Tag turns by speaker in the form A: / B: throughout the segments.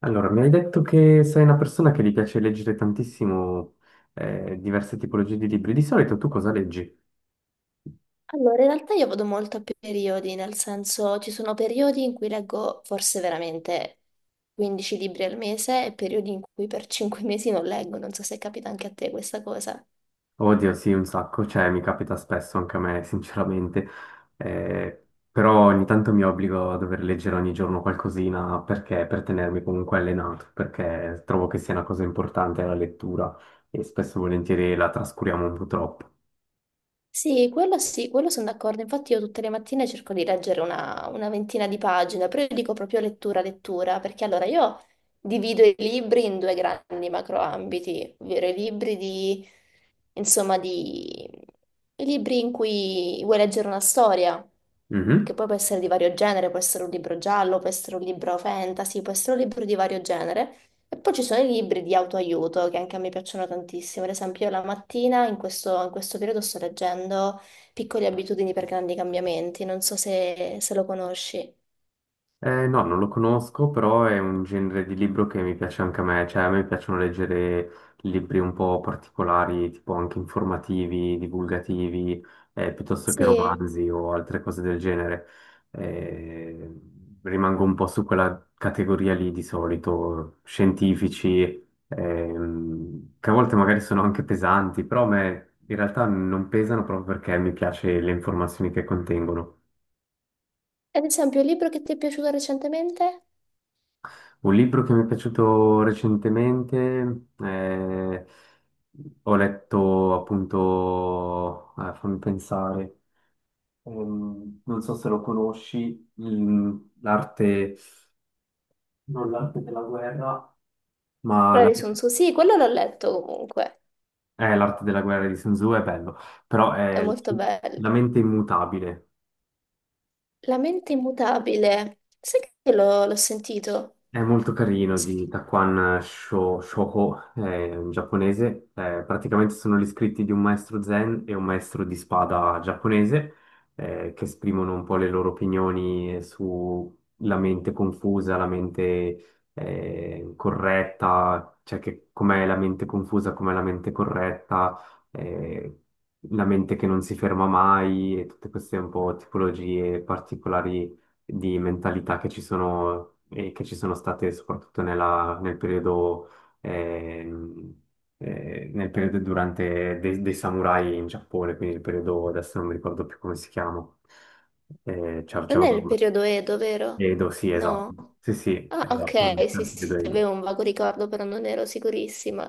A: Allora, mi hai detto che sei una persona che gli piace leggere tantissimo diverse tipologie di libri. Di solito tu cosa leggi?
B: Allora, in realtà io vado molto a periodi, nel senso ci sono periodi in cui leggo forse veramente 15 libri al mese e periodi in cui per 5 mesi non leggo, non so se capita anche a te questa cosa.
A: Oddio, sì, un sacco, cioè mi capita spesso anche a me, sinceramente. Eh, Però ogni tanto mi obbligo a dover leggere ogni giorno qualcosina perché per tenermi comunque allenato, perché trovo che sia una cosa importante la lettura e spesso e volentieri la trascuriamo un po' troppo.
B: Sì, quello sono d'accordo. Infatti io tutte le mattine cerco di leggere una ventina di pagine, però io dico proprio lettura, lettura, perché allora io divido i libri in due grandi macroambiti, ovvero i libri di, insomma, di, i libri in cui vuoi leggere una storia, che
A: Mhm.
B: poi può essere di vario genere, può essere un libro giallo, può essere un libro fantasy, può essere un libro di vario genere. E poi ci sono i libri di autoaiuto che anche a me piacciono tantissimo. Ad esempio, io la mattina in questo periodo sto leggendo Piccole abitudini per grandi cambiamenti. Non so se lo conosci.
A: No, non lo conosco, però è un genere di libro che mi piace anche a me, cioè a me piacciono leggere libri un po' particolari, tipo anche informativi, divulgativi, piuttosto che
B: Sì.
A: romanzi o altre cose del genere. Eh, Rimango un po' su quella categoria lì di solito, scientifici, che a volte magari sono anche pesanti, però a me in realtà non pesano proprio perché mi piace le informazioni che contengono.
B: Ad esempio, il libro che ti è piaciuto recentemente?
A: Un libro che mi è piaciuto recentemente, ho letto appunto, fammi pensare, non so se lo conosci, l'arte, non l'arte della guerra, ma
B: Quello
A: la-
B: di Sun Tzu. Sì, quello l'ho letto comunque.
A: l'arte della guerra di Sun Tzu è bello, però
B: È
A: è
B: molto bello.
A: la mente immutabile.
B: La mente immutabile. Sai che l'ho sentito?
A: È molto carino
B: Sai
A: di
B: che-
A: Takuan Shoho, è un giapponese. Praticamente sono gli scritti di un maestro zen e un maestro di spada giapponese che esprimono un po' le loro opinioni sulla mente confusa, la mente corretta, cioè che com'è la mente confusa, com'è la mente corretta, eh, la mente che non si ferma mai e tutte queste un po' tipologie particolari di mentalità che ci sono, e che ci sono state soprattutto ehm, nel periodo durante dei samurai in Giappone, quindi il periodo, adesso non mi ricordo più come si chiama. Eh, c'è- c'è
B: Non è il
A: un-
B: periodo Edo, vero?
A: Edo, sì, esatto.
B: No.
A: Sì, sì,
B: Ah,
A: esatto,
B: ok, sì,
A: esatto,
B: sì, sì,
A: Edo, Edo.
B: avevo un vago ricordo, però non ero sicurissima.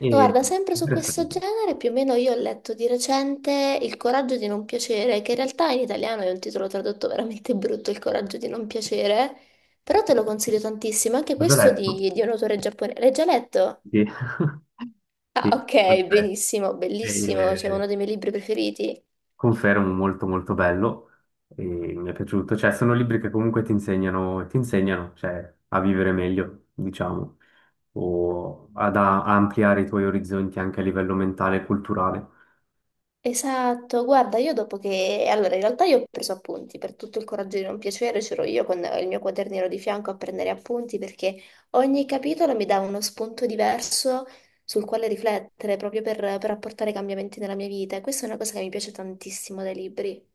A: E,
B: Guarda, sempre su questo
A: interessante.
B: genere, più o meno io ho letto di recente Il coraggio di non piacere, che in realtà in italiano è un titolo tradotto veramente brutto, Il coraggio di non piacere, però te lo consiglio tantissimo, anche
A: L'ho già
B: questo
A: letto.
B: di un autore giapponese. L'hai già letto?
A: Sì.
B: Ah, ok,
A: Sì,
B: benissimo, bellissimo, cioè
A: perfetto.
B: uno dei miei libri preferiti.
A: Confermo, molto molto bello e mi è piaciuto, cioè sono libri che comunque ti insegnano, cioè, a vivere meglio, diciamo, o ad a- a ampliare i tuoi orizzonti anche a livello mentale e culturale.
B: Esatto, guarda, io dopo che... Allora, in realtà io ho preso appunti, per tutto il coraggio di non piacere c'ero io con il mio quadernino di fianco a prendere appunti perché ogni capitolo mi dava uno spunto diverso sul quale riflettere, proprio per apportare cambiamenti nella mia vita. E questa è una cosa che mi piace tantissimo dai libri.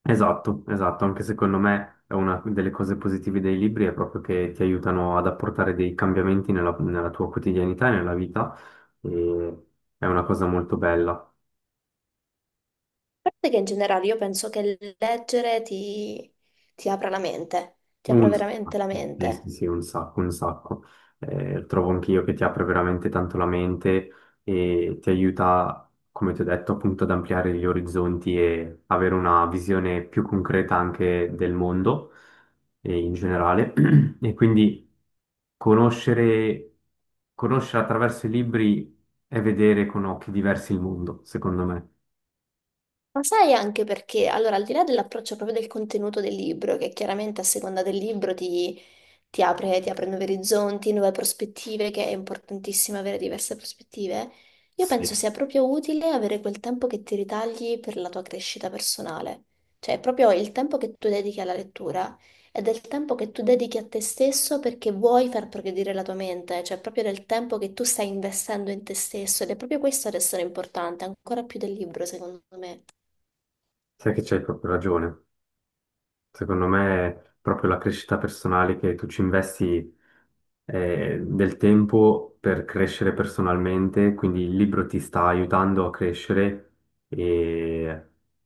A: Esatto, esatto, anche secondo me è una delle cose positive dei libri è proprio che ti aiutano ad apportare dei cambiamenti nella tua quotidianità e nella vita e è una cosa molto bella.
B: A parte che in generale io penso che ti apra la mente, ti apra
A: Un
B: veramente
A: sacco,
B: la
A: sì, sì,
B: mente.
A: sì, un sacco, un sacco. Trovo anch'io che ti apre veramente tanto la mente e ti aiuta, come ti ho detto, appunto ad ampliare gli orizzonti e avere una visione più concreta anche del mondo e in generale. E quindi conoscere, conoscere attraverso i libri è vedere con occhi diversi il mondo, secondo me.
B: Ma sai anche perché, allora, al di là dell'approccio proprio del contenuto del libro, che chiaramente a seconda del libro ti apre, ti apre nuovi orizzonti, nuove prospettive, che è importantissimo avere diverse prospettive. Io penso
A: Sì,
B: sia proprio utile avere quel tempo che ti ritagli per la tua crescita personale. Cioè, proprio il tempo che tu dedichi alla lettura è del tempo che tu dedichi a te stesso perché vuoi far progredire la tua mente, cioè proprio del tempo che tu stai investendo in te stesso ed è proprio questo ad essere importante, ancora più del libro, secondo me.
A: sai che c'hai proprio ragione. Secondo me è proprio la crescita personale che tu ci investi del tempo per crescere personalmente, quindi il libro ti sta aiutando a crescere e,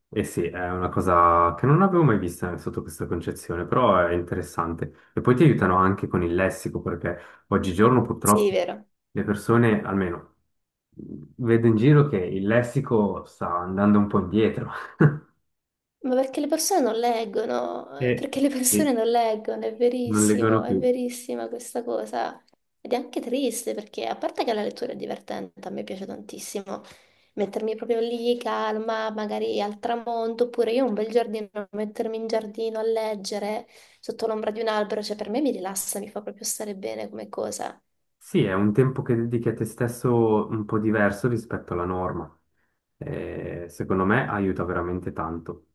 A: e sì, è una cosa che non avevo mai vista sotto questa concezione, però è interessante. E poi ti aiutano anche con il lessico, perché oggigiorno
B: Sì,
A: purtroppo
B: vero.
A: le persone, almeno vedo in giro che il lessico sta andando un po' indietro.
B: Ma perché le persone non leggono,
A: E
B: perché le
A: e
B: persone non leggono, è
A: non
B: verissimo,
A: leggono
B: è
A: più.
B: verissima questa cosa. Ed è anche triste perché, a parte che la lettura è divertente, a me piace tantissimo, mettermi proprio lì calma, magari al tramonto, oppure io un bel giardino, mettermi in giardino a leggere sotto l'ombra di un albero, cioè per me mi rilassa, mi fa proprio stare bene come cosa.
A: Sì, è un tempo che dedichi a te stesso un po' diverso rispetto alla norma. Secondo me aiuta veramente tanto.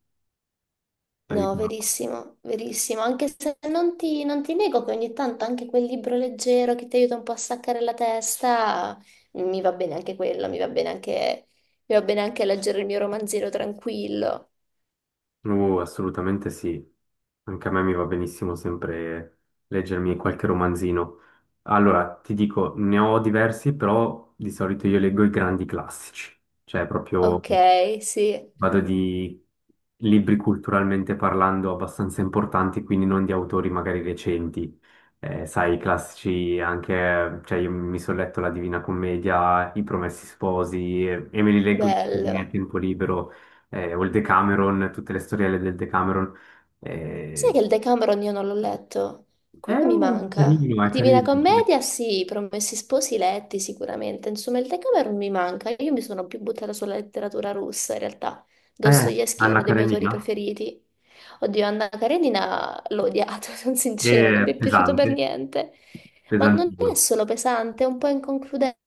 B: No,
A: Aiuta.
B: verissimo, verissimo. Anche se non ti nego che ogni tanto anche quel libro leggero che ti aiuta un po' a staccare la testa, mi va bene anche quello, mi va bene anche leggere il mio romanzino tranquillo.
A: Assolutamente sì. Anche a me mi va benissimo sempre leggermi qualche romanzino. Allora, ti dico, ne ho diversi, però di solito io leggo i grandi classici, cioè proprio
B: Ok, sì,
A: vado di libri culturalmente parlando abbastanza importanti, quindi non di autori magari recenti. Sai, i classici anche, cioè io mi sono letto La Divina Commedia, I Promessi Sposi e, me li leggo nel
B: bello.
A: tempo libero, o il Decameron, tutte le storielle del Decameron.
B: Sai
A: Eh,
B: che il Decameron io non l'ho letto? Quello mi
A: è
B: manca.
A: carino, è
B: Divina
A: carino.
B: Commedia, sì, Promessi Sposi letti sicuramente. Insomma, il Decameron mi manca. Io mi sono più buttata sulla letteratura russa, in realtà. Dostoevsky è
A: Anna
B: uno dei miei autori
A: Karenina,
B: preferiti. Oddio, Anna Karenina l'ho odiato, sono sincera, non mi
A: è
B: è piaciuto per
A: pesante,
B: niente. Ma non è
A: pesantino.
B: solo pesante, è un po' inconcludente,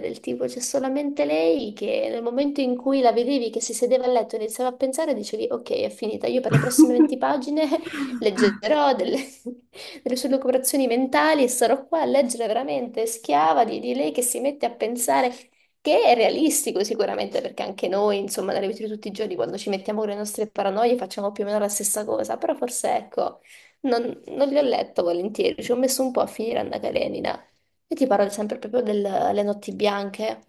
B: del tipo c'è solamente lei che nel momento in cui la vedevi che si sedeva a letto e iniziava a pensare, dicevi ok, è finita, io per le prossime 20 pagine leggerò delle, delle sue lucubrazioni mentali e sarò qua a leggere veramente schiava di lei che si mette a pensare. Che è realistico sicuramente, perché anche noi, insomma, nella vita di tutti i giorni, quando ci mettiamo con le nostre paranoie, facciamo più o meno la stessa cosa, però forse, ecco, non li ho letto volentieri, ci ho messo un po' a finire Anna Karenina. Io ti parlo sempre proprio delle notti bianche.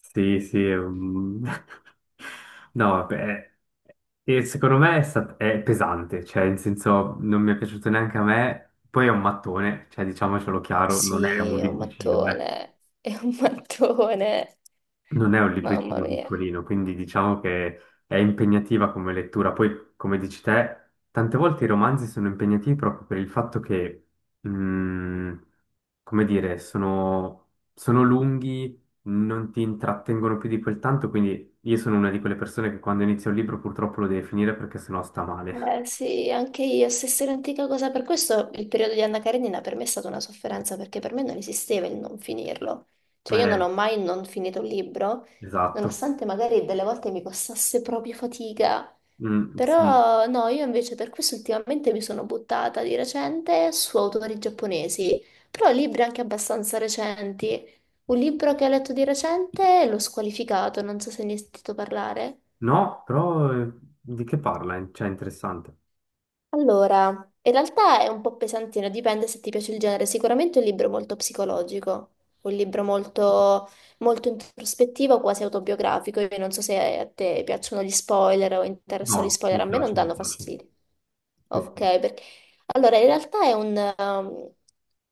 A: Sì, sì, no, vabbè, e secondo me è pesante, cioè, in senso, non mi è piaciuto neanche a me, poi è un mattone, cioè, diciamocelo chiaro, non è
B: Sì,
A: un
B: è un
A: libricino, eh.
B: mattone, è un mattone,
A: Non è un
B: mamma
A: libricino
B: mia.
A: piccolino, quindi diciamo che è impegnativa come lettura. Poi, come dici te, tante volte i romanzi sono impegnativi proprio per il fatto che, mhmm, come dire, sono lunghi, non ti intrattengono più di quel tanto, quindi io sono una di quelle persone che quando inizia un libro purtroppo lo deve finire perché sennò sta male.
B: Sì, anche io, stessa identica cosa. Per questo il periodo di Anna Karenina per me è stata una sofferenza, perché per me non esisteva il non finirlo. Cioè io non
A: Eh,
B: ho mai non finito un libro,
A: esatto.
B: nonostante magari delle volte mi costasse proprio fatica.
A: Mm, sì.
B: Però no, io invece per questo ultimamente mi sono buttata di recente su autori giapponesi, però libri anche abbastanza recenti. Un libro che ho letto di recente, L'ho squalificato, non so se ne hai sentito parlare.
A: No, però di che parla? Cioè, è interessante.
B: Allora, in realtà è un po' pesantino, dipende se ti piace il genere. Sicuramente è un libro molto psicologico, un libro molto, molto introspettivo, quasi autobiografico. Io non so se a te piacciono gli spoiler o interessano gli
A: No,
B: spoiler,
A: mi
B: a me non
A: piace, mi
B: danno
A: piace.
B: fastidio.
A: Sì,
B: Ok,
A: sì.
B: allora, in realtà è un,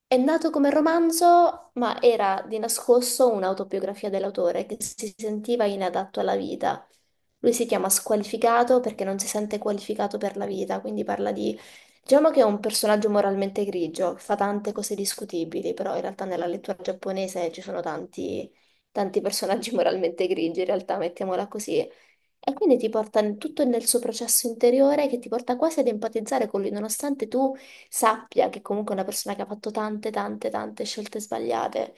B: è nato come romanzo, ma era di nascosto un'autobiografia dell'autore che si sentiva inadatto alla vita. Lui si chiama squalificato perché non si sente qualificato per la vita, quindi parla di... Diciamo che è un personaggio moralmente grigio, che fa tante cose discutibili, però in realtà nella lettura giapponese ci sono tanti, tanti personaggi moralmente grigi, in realtà, mettiamola così. E quindi tutto nel suo processo interiore che ti porta quasi ad empatizzare con lui, nonostante tu sappia che comunque è una persona che ha fatto tante, tante, tante scelte sbagliate.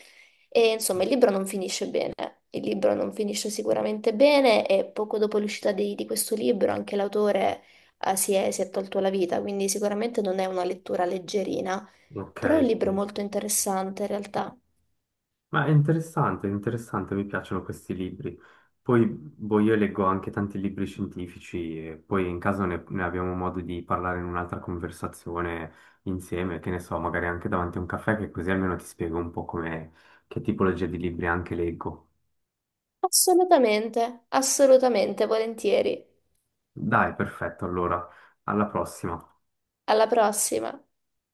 B: E insomma, il libro non finisce bene. Il libro non finisce sicuramente bene e poco dopo l'uscita di questo libro anche l'autore, si è tolto la vita, quindi sicuramente non è una lettura leggerina,
A: Ok,
B: però è un libro
A: sì.
B: molto interessante in realtà.
A: Ma è interessante, mi piacciono questi libri. Poi, boh, io leggo anche tanti libri scientifici, e poi in caso ne abbiamo modo di parlare in un'altra conversazione insieme, che ne so, magari anche davanti a un caffè, che così almeno ti spiego un po' come, che tipologia di libri anche leggo.
B: Assolutamente, assolutamente, volentieri.
A: Dai, perfetto, allora, alla prossima.
B: Alla prossima.